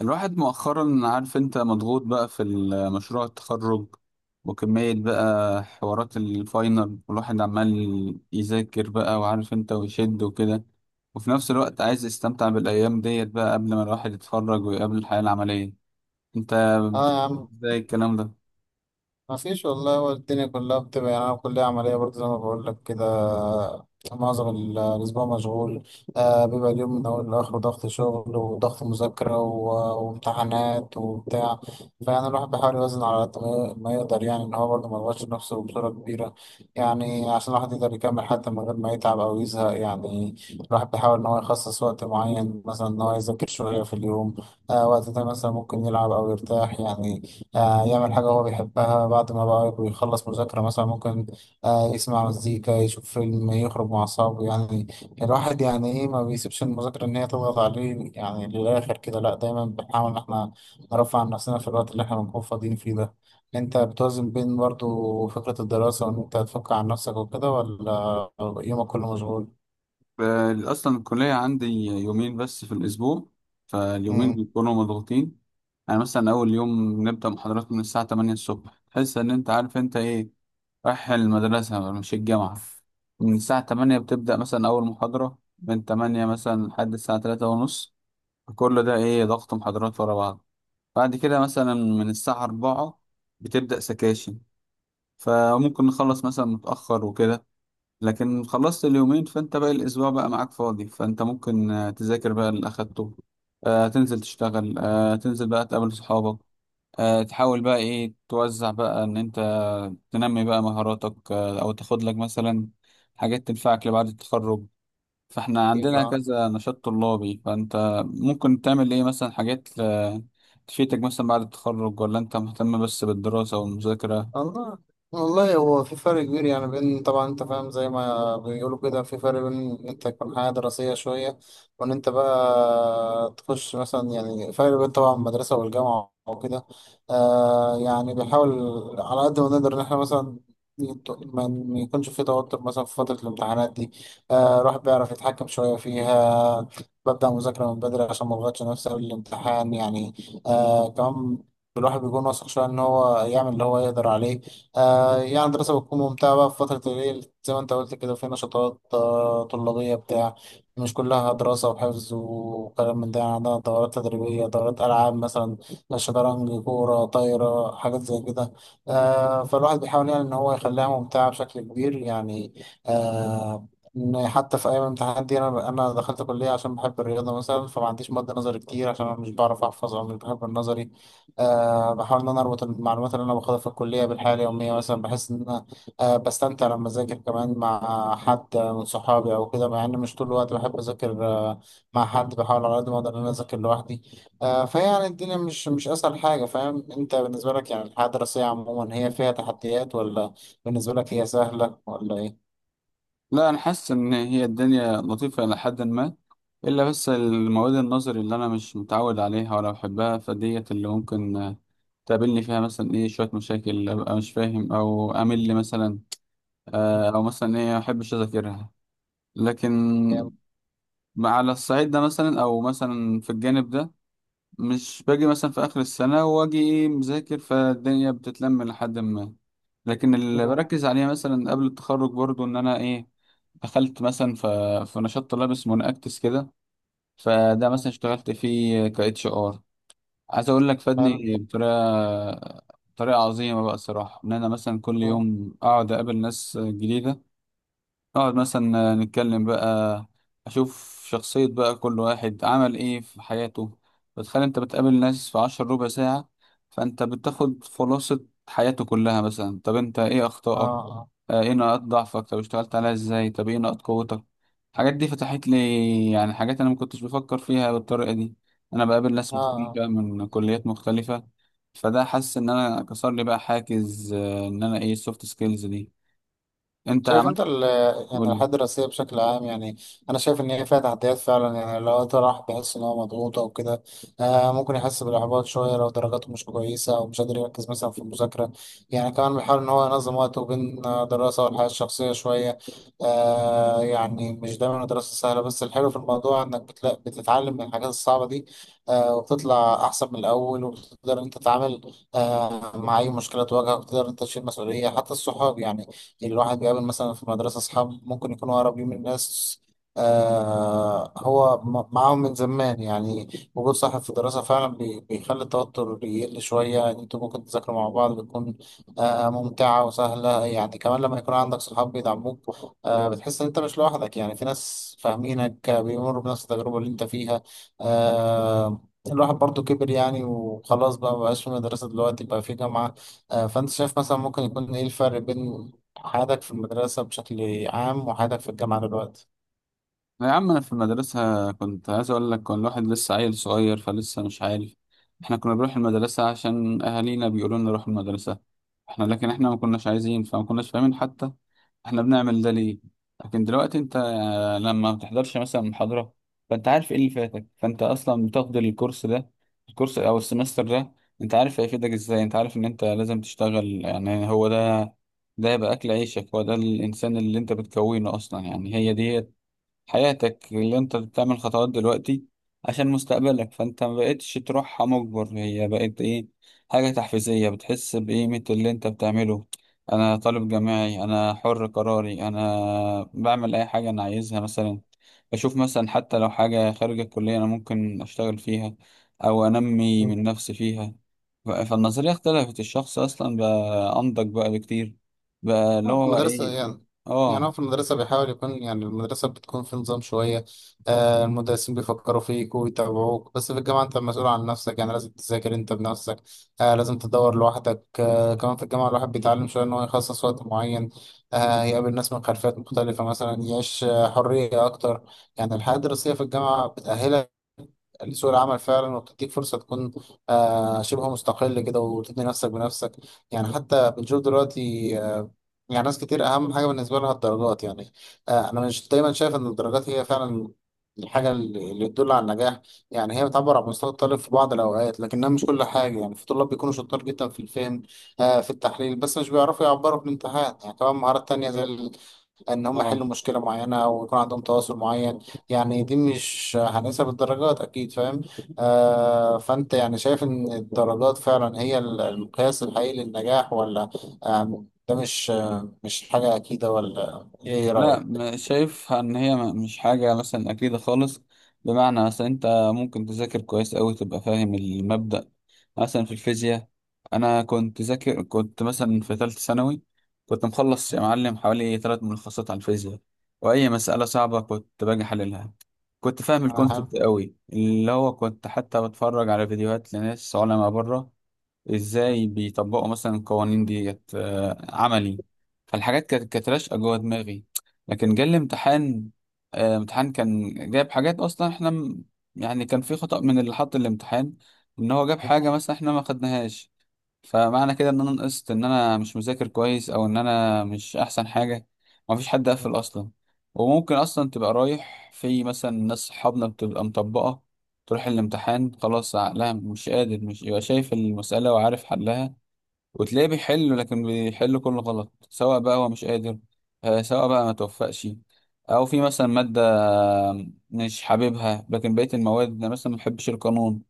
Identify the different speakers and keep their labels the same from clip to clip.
Speaker 1: الواحد مؤخرا عارف انت مضغوط بقى في مشروع التخرج، وكمية بقى حوارات الفاينل والواحد عمال يذاكر بقى وعارف انت ويشد وكده، وفي نفس الوقت عايز يستمتع بالأيام ديت بقى قبل ما الواحد يتخرج ويقابل الحياة العملية. انت
Speaker 2: اه يا
Speaker 1: بتقول
Speaker 2: عم،
Speaker 1: ازاي الكلام ده؟
Speaker 2: ما فيش والله، هو الدنيا كلها بتبقى يعني، انا كلية عملية برضه زي ما بقول لك كده. معظم الأسبوع مشغول. بيبقى اليوم من أول لآخره ضغط شغل وضغط مذاكرة وامتحانات وبتاع. فيعني الواحد بيحاول يوازن على قد ما يقدر، يعني إن هو برضه ما يضغطش نفسه بصورة كبيرة. يعني عشان الواحد يقدر يكمل حتى من غير ما يتعب أو يزهق يعني. الواحد بيحاول إن هو يخصص وقت معين، مثلا إن هو يذاكر شوية في اليوم. وقت ده مثلا ممكن يلعب أو يرتاح يعني. يعمل حاجة هو بيحبها، بعد ما بقى بيخلص مذاكرة مثلا ممكن يسمع مزيكا، يشوف فيلم، يخرج مع أصحابه يعني. الواحد يعني إيه، ما بيسيبش المذاكرة إن هي تضغط عليه يعني للآخر كده، لأ دايما بنحاول إن إحنا نرفع عن نفسنا في الوقت اللي إحنا بنكون فاضيين فيه ده. أنت بتوازن بين برضو فكرة الدراسة وإن أنت تفك عن نفسك وكده، ولا يومك كله مشغول؟
Speaker 1: ف- أصلا الكلية عندي يومين بس في الأسبوع، فاليومين
Speaker 2: مم.
Speaker 1: بيكونوا مضغوطين. يعني مثلا أول يوم نبدأ محاضرات من الساعة 8 الصبح، تحس إن أنت عارف أنت إيه، رايح المدرسة مش الجامعة. من الساعة 8 بتبدأ مثلا أول محاضرة من 8 مثلا لحد الساعة 3:30، كل ده إيه، ضغط محاضرات ورا بعض. بعد كده مثلا من الساعة 4 بتبدأ سكاشن، فممكن نخلص مثلا متأخر وكده. لكن خلصت اليومين فأنت باقي الأسبوع بقى معاك فاضي، فأنت ممكن تذاكر بقى اللي أخدته، تنزل تشتغل، تنزل بقى تقابل صحابك، تحاول بقى ايه، توزع بقى ان انت تنمي بقى مهاراتك، او تاخد لك مثلا حاجات تنفعك لبعد التخرج. فاحنا
Speaker 2: أكيد
Speaker 1: عندنا
Speaker 2: آه.
Speaker 1: كذا نشاط طلابي، فانت ممكن تعمل ايه مثلا، حاجات تفيدك مثلا بعد التخرج، ولا انت مهتم بس بالدراسة والمذاكرة؟
Speaker 2: والله، والله هو في فرق كبير يعني، بين طبعا، انت فاهم زي ما بيقولوا كده، في فرق بين ان انت تكون حياة دراسية شوية، وان انت بقى تخش مثلا، يعني فرق بين طبعا المدرسة والجامعة وكده. يعني بنحاول على قد ما نقدر ان احنا مثلا ما يكونش في توتر مثلا في فترة الامتحانات دي. الواحد بيعرف يتحكم شوية فيها، ببدأ مذاكرة من بدري عشان ما اضغطش نفسي قبل الامتحان يعني. كمان الواحد بيكون واثق شوية إن هو يعمل اللي هو يقدر عليه. يعني الدراسة بتكون ممتعة بقى في فترة الليل، زي ما أنت قلت كده في نشاطات طلابية بتاع، مش كلها دراسة وحفظ وكلام من ده. يعني عندنا دورات تدريبية، دورات ألعاب مثلا، شطرنج، كورة طايرة، حاجات زي كده. فالواحد بيحاول يعني إن هو يخليها ممتعة بشكل كبير يعني. آه إن حتى في أيام الامتحانات دي، أنا دخلت كلية عشان بحب الرياضة مثلا، فما عنديش مادة نظري كتير عشان أنا مش بعرف أحفظ أو مش بحب النظري. بحاول إن أنا أربط المعلومات اللي أنا باخدها في الكلية بالحياة اليومية مثلا، بحس إن أنا بستمتع لما أذاكر كمان مع حد من صحابي أو كده، مع إن مش طول الوقت بحب أذاكر مع حد، بحاول على قد ما أقدر إن أنا أذاكر لوحدي. فيعني الدنيا مش أسهل حاجة، فاهم أنت. بالنسبة لك يعني الحياة الدراسية عموما هي فيها تحديات، ولا بالنسبة لك هي سهلة ولا إيه؟
Speaker 1: لا، انا حاسس ان هي الدنيا لطيفة الى حد ما، الا بس المواد النظري اللي انا مش متعود عليها ولا بحبها، فديت اللي ممكن تقابلني فيها مثلا ايه، شوية مشاكل ابقى مش فاهم او امل مثلا، او مثلا ايه ما احبش اذاكرها. لكن على الصعيد ده مثلا او مثلا في الجانب ده، مش باجي مثلا في اخر السنه واجي ايه مذاكر فالدنيا بتتلم لحد ما. لكن اللي بركز عليها مثلا قبل التخرج برضو ان انا ايه، دخلت مثلا في نشاط طلاب اسمه نأكتس كده، فده مثلا اشتغلت فيه ك HR، عايز اقول لك
Speaker 2: حلو.
Speaker 1: فادني بطريقه، طريقه عظيمه بقى الصراحه. ان انا مثلا كل
Speaker 2: آه
Speaker 1: يوم اقعد اقابل ناس جديده، نقعد مثلا نتكلم بقى، أشوف شخصية بقى كل واحد عمل إيه في حياته. بتخيل أنت بتقابل ناس في عشر ربع ساعة، فأنت بتاخد خلاصة حياته كلها. مثلا طب أنت إيه أخطائك،
Speaker 2: آه
Speaker 1: إيه نقاط ضعفك، طب اشتغلت عليها إزاي، طب إيه نقاط قوتك. الحاجات دي فتحت لي يعني حاجات أنا ما كنتش بفكر فيها بالطريقة دي. أنا بقابل ناس
Speaker 2: آه آه.
Speaker 1: مختلفة من كليات مختلفة، فده حاسس إن أنا كسر لي بقى حاجز إن أنا إيه، السوفت سكيلز دي. أنت
Speaker 2: شايف
Speaker 1: عملت
Speaker 2: انت
Speaker 1: إيه؟
Speaker 2: يعني
Speaker 1: قول
Speaker 2: الحياة
Speaker 1: لي.
Speaker 2: الدراسية بشكل عام يعني. انا شايف ان هي فيها تحديات فعلا، يعني لو وقت راح بيحس ان هو مضغوط او كده، ممكن يحس بالاحباط شوية لو درجاته مش كويسة او مش قادر يركز مثلا في المذاكرة. يعني كمان بيحاول ان هو ينظم وقته بين دراسة والحياة الشخصية شوية. يعني مش دايما الدراسة سهلة، بس الحلو في الموضوع انك بتتعلم من الحاجات الصعبة دي. وبتطلع احسن من الاول، وبتقدر انت تتعامل مع اي مشكلة تواجهك، وتقدر انت تشيل مسؤولية حتى الصحاب يعني. يعني الواحد بيقابل مثلا في المدرسة أصحاب ممكن يكونوا قريبين من ناس هو معاهم من زمان يعني. وجود صاحب في الدراسة فعلا بيخلي التوتر يقل شوية، يعني انتوا ممكن تذاكروا مع بعض، بتكون ممتعة وسهلة، يعني كمان لما يكون عندك صحاب بيدعموك، بتحس ان انت مش لوحدك، يعني في ناس فاهمينك بيمروا بنفس التجربة اللي انت فيها. آه الواحد برضو كبر يعني، وخلاص بقى مبقاش في مدرسة، دلوقتي بقى في جامعة. فأنت شايف مثلا ممكن يكون إيه الفرق بين حياتك في المدرسة بشكل عام وحياتك في الجامعة دلوقتي.
Speaker 1: يا عم انا في المدرسة كنت عايز اقول لك، كان الواحد لسه عيل صغير فلسه مش عارف. احنا كنا بنروح المدرسة عشان اهالينا بيقولوا لنا نروح المدرسة، احنا لكن احنا ما كناش عايزين، فما كناش فاهمين حتى احنا بنعمل ده ليه. لكن دلوقتي انت لما ما بتحضرش مثلا محاضرة، فانت عارف ايه اللي فاتك، فانت اصلا بتاخد الكورس ده، الكورس او السمستر ده، انت عارف هيفيدك ازاي، انت عارف ان انت لازم تشتغل. يعني هو ده، ده يبقى اكل عيشك، هو ده الانسان اللي انت بتكونه اصلا، يعني هي دي حياتك اللي انت بتعمل خطوات دلوقتي عشان مستقبلك. فانت ما بقتش تروحها مجبر، هي بقت ايه، حاجة تحفيزية بتحس بقيمة اللي انت بتعمله. انا طالب جامعي، انا حر قراري، انا بعمل اي حاجة انا عايزها، مثلا بشوف مثلا حتى لو حاجة خارج الكلية انا ممكن اشتغل فيها او انمي
Speaker 2: مم.
Speaker 1: من نفسي فيها. ف- فالنظرية اختلفت، الشخص اصلا بقى انضج بقى بكتير، بقى اللي
Speaker 2: في
Speaker 1: هو
Speaker 2: المدرسة
Speaker 1: ايه.
Speaker 2: يعني، يعني هو
Speaker 1: اه.
Speaker 2: في المدرسة بيحاول يكون، يعني المدرسة بتكون في نظام شوية. المدرسين بيفكروا فيك ويتابعوك، بس في الجامعة أنت مسؤول عن نفسك، يعني لازم تذاكر أنت بنفسك. لازم تدور لوحدك. كمان في الجامعة الواحد بيتعلم شوية إن هو يخصص وقت معين، يقابل ناس من خلفيات مختلفة مثلا، يعيش حرية أكتر. يعني الحياة الدراسية في الجامعة بتأهلك لسوق العمل فعلا، وبتديك فرصه تكون شبه مستقل كده، وتبني نفسك بنفسك. يعني حتى بنشوف دلوقتي آه يعني ناس كتير اهم حاجه بالنسبه لها الدرجات يعني. انا مش دايما شايف ان الدرجات هي فعلا الحاجه اللي تدل على النجاح، يعني هي بتعبر عن مستوى الطالب في بعض الاوقات، لكنها مش كل حاجه يعني، في طلاب بيكونوا شطار جدا في الفهم في التحليل، بس مش بيعرفوا يعبروا في الامتحان، يعني كمان مهارات تانية زي ان هم يحلوا
Speaker 1: اه،
Speaker 2: مشكله معينه ويكون عندهم تواصل معين، يعني دي مش هنقيسها بالدرجات اكيد فاهم. فانت يعني شايف ان الدرجات فعلا هي المقياس الحقيقي للنجاح، ولا ده مش حاجه اكيده، ولا ايه
Speaker 1: لا
Speaker 2: رايك؟
Speaker 1: شايفها ان هي مش حاجة مثلا اكيدة خالص. بمعنى مثلا انت ممكن تذاكر كويس اوي، تبقى فاهم المبدأ، مثلا في الفيزياء، انا كنت ذاكر، كنت مثلا في ثالثة ثانوي، كنت مخلص يا معلم حوالي 3 ملخصات على الفيزياء، واي مسألة صعبة كنت باجي حللها، كنت فاهم
Speaker 2: آه،
Speaker 1: الكونسبت اوي، اللي هو كنت حتى بتفرج على فيديوهات لناس علماء بره، ازاي بيطبقوا مثلا القوانين ديت عملي. فالحاجات كانت راشقه جوه دماغي. لكن جه الامتحان، امتحان كان جايب حاجات اصلا احنا يعني كان في خطأ من اللي حط الامتحان، ان هو جاب حاجة مثلا احنا ما خدناهاش. فمعنى كده ان انا نقصت، ان انا مش مذاكر كويس او ان انا مش احسن حاجه؟ مفيش حد قفل اصلا. وممكن اصلا تبقى رايح في مثلا، ناس صحابنا بتبقى مطبقه، تروح الامتحان خلاص عقلها مش قادر، مش يبقى شايف المساله وعارف حلها، وتلاقيه بيحل لكن بيحل كله غلط، سواء بقى هو مش قادر، سواء بقى ما توفقش. او في مثلا ماده مش حاببها، لكن بقيه المواد، انا مثلا ما بحبش القانون،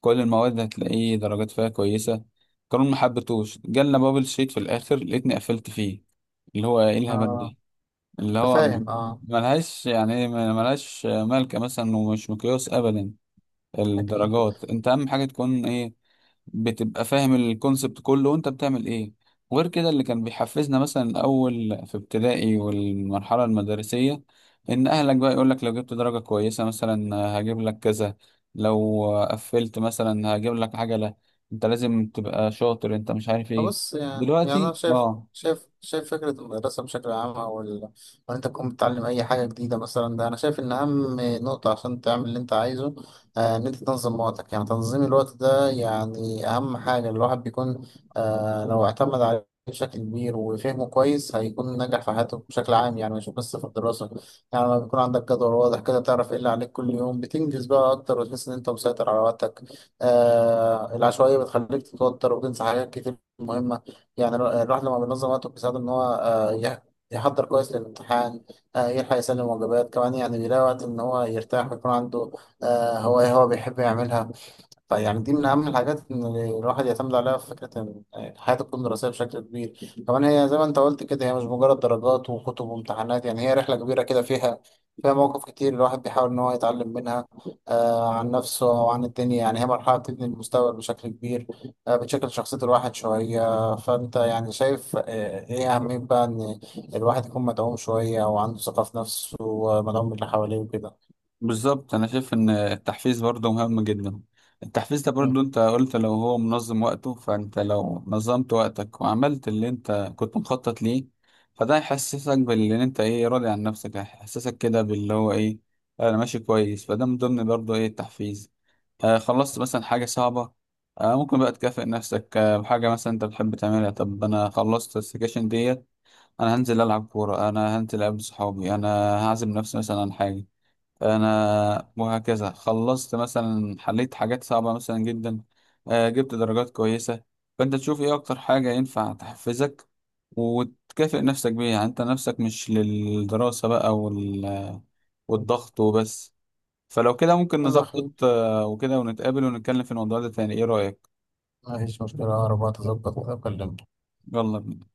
Speaker 1: كل المواد هتلاقيه درجات فيها كويسة، قانون محبتوش جالنا بابل شيت في الآخر لقيتني قفلت فيه، اللي هو ايه، الهبل
Speaker 2: آه،
Speaker 1: دي، اللي هو
Speaker 2: تفاهم اه.
Speaker 1: ملهاش يعني ملهاش مالكة مثلا، ومش مقياس أبدا
Speaker 2: اكيد.
Speaker 1: الدرجات. انت أهم حاجة تكون ايه، بتبقى فاهم الكونسبت كله وانت بتعمل ايه. وغير كده، اللي كان بيحفزنا مثلا الاول في ابتدائي والمرحله المدرسيه، ان اهلك بقى يقولك لو جبت درجه كويسه مثلا هجيب لك كذا، لو قفلت مثلا هجيب لك عجله، انت لازم تبقى شاطر، انت مش عارف ايه.
Speaker 2: بص، يعني أنا
Speaker 1: دلوقتي
Speaker 2: شايف
Speaker 1: اه،
Speaker 2: شايف شايف فكرة المدرسة بشكل عام أو إن أنت تكون بتتعلم أي حاجة جديدة مثلا، ده أنا شايف إن أهم نقطة عشان تعمل اللي أنت عايزه إن أنت تنظم وقتك، يعني تنظيم الوقت ده يعني أهم حاجة. الواحد بيكون لو اعتمد عليه بشكل كبير وفهمه كويس هيكون ناجح في حياته بشكل عام، يعني مش بس في الدراسة. يعني لما بيكون عندك جدول واضح كده، تعرف إيه اللي عليك كل يوم، بتنجز بقى أكتر، وتحس إن أنت مسيطر على وقتك. العشوائية بتخليك تتوتر وتنسى حاجات كتير مهمة. يعني الواحد لما بينظم وقته بيساعده إن هو يحضر كويس للامتحان، يلحق يسلم واجبات، كمان يعني بيلاقي وقت إن هو يرتاح، ويكون عنده هواية هو بيحب يعملها. فيعني دي من أهم الحاجات إن الواحد يعتمد عليها في فكرة إن الحياة تكون دراسية بشكل كبير، كمان هي زي ما أنت قلت كده، هي مش مجرد درجات وكتب وامتحانات، يعني هي رحلة كبيرة كده، فيها فيها مواقف كتير الواحد بيحاول إن هو يتعلم منها عن نفسه أو عن الدنيا، يعني هي مرحلة بتبني المستقبل بشكل كبير، بتشكل شخصية الواحد شوية. فأنت يعني شايف إيه أهمية بقى إن الواحد يكون مدعوم شوية وعنده ثقة في نفسه ومدعوم من اللي حواليه وكده.
Speaker 1: بالظبط، انا شايف ان التحفيز برضه مهم جدا. التحفيز ده برضه
Speaker 2: مم.
Speaker 1: انت قلت لو هو منظم وقته، فانت لو نظمت وقتك وعملت اللي انت كنت مخطط ليه، فده هيحسسك باللي انت ايه، راضي عن نفسك، هيحسسك كده باللي هو ايه، انا ماشي كويس. فده من ضمن برضه ايه، التحفيز. آه، خلصت مثلا حاجة صعبة، آه ممكن بقى تكافئ نفسك آه بحاجة مثلا انت بتحب تعملها. طب انا خلصت السكاشن ديت، انا هنزل العب كورة، انا هنزل اقابل صحابي، انا هعزم نفسي مثلا عن حاجة، انا وهكذا خلصت مثلا، حليت حاجات صعبة مثلا جدا، جبت درجات كويسة. فانت تشوف ايه اكتر حاجة ينفع تحفزك وتكافئ نفسك بيها، يعني انت نفسك مش للدراسة بقى والضغط وبس. فلو كده ممكن
Speaker 2: يلا يا أخوي.
Speaker 1: نظبط وكده ونتقابل ونتكلم في الموضوع ده تاني، ايه رأيك؟
Speaker 2: مفيش مشكلة، أقرب وقت أظبط كده أكلمك.
Speaker 1: يلا بينا.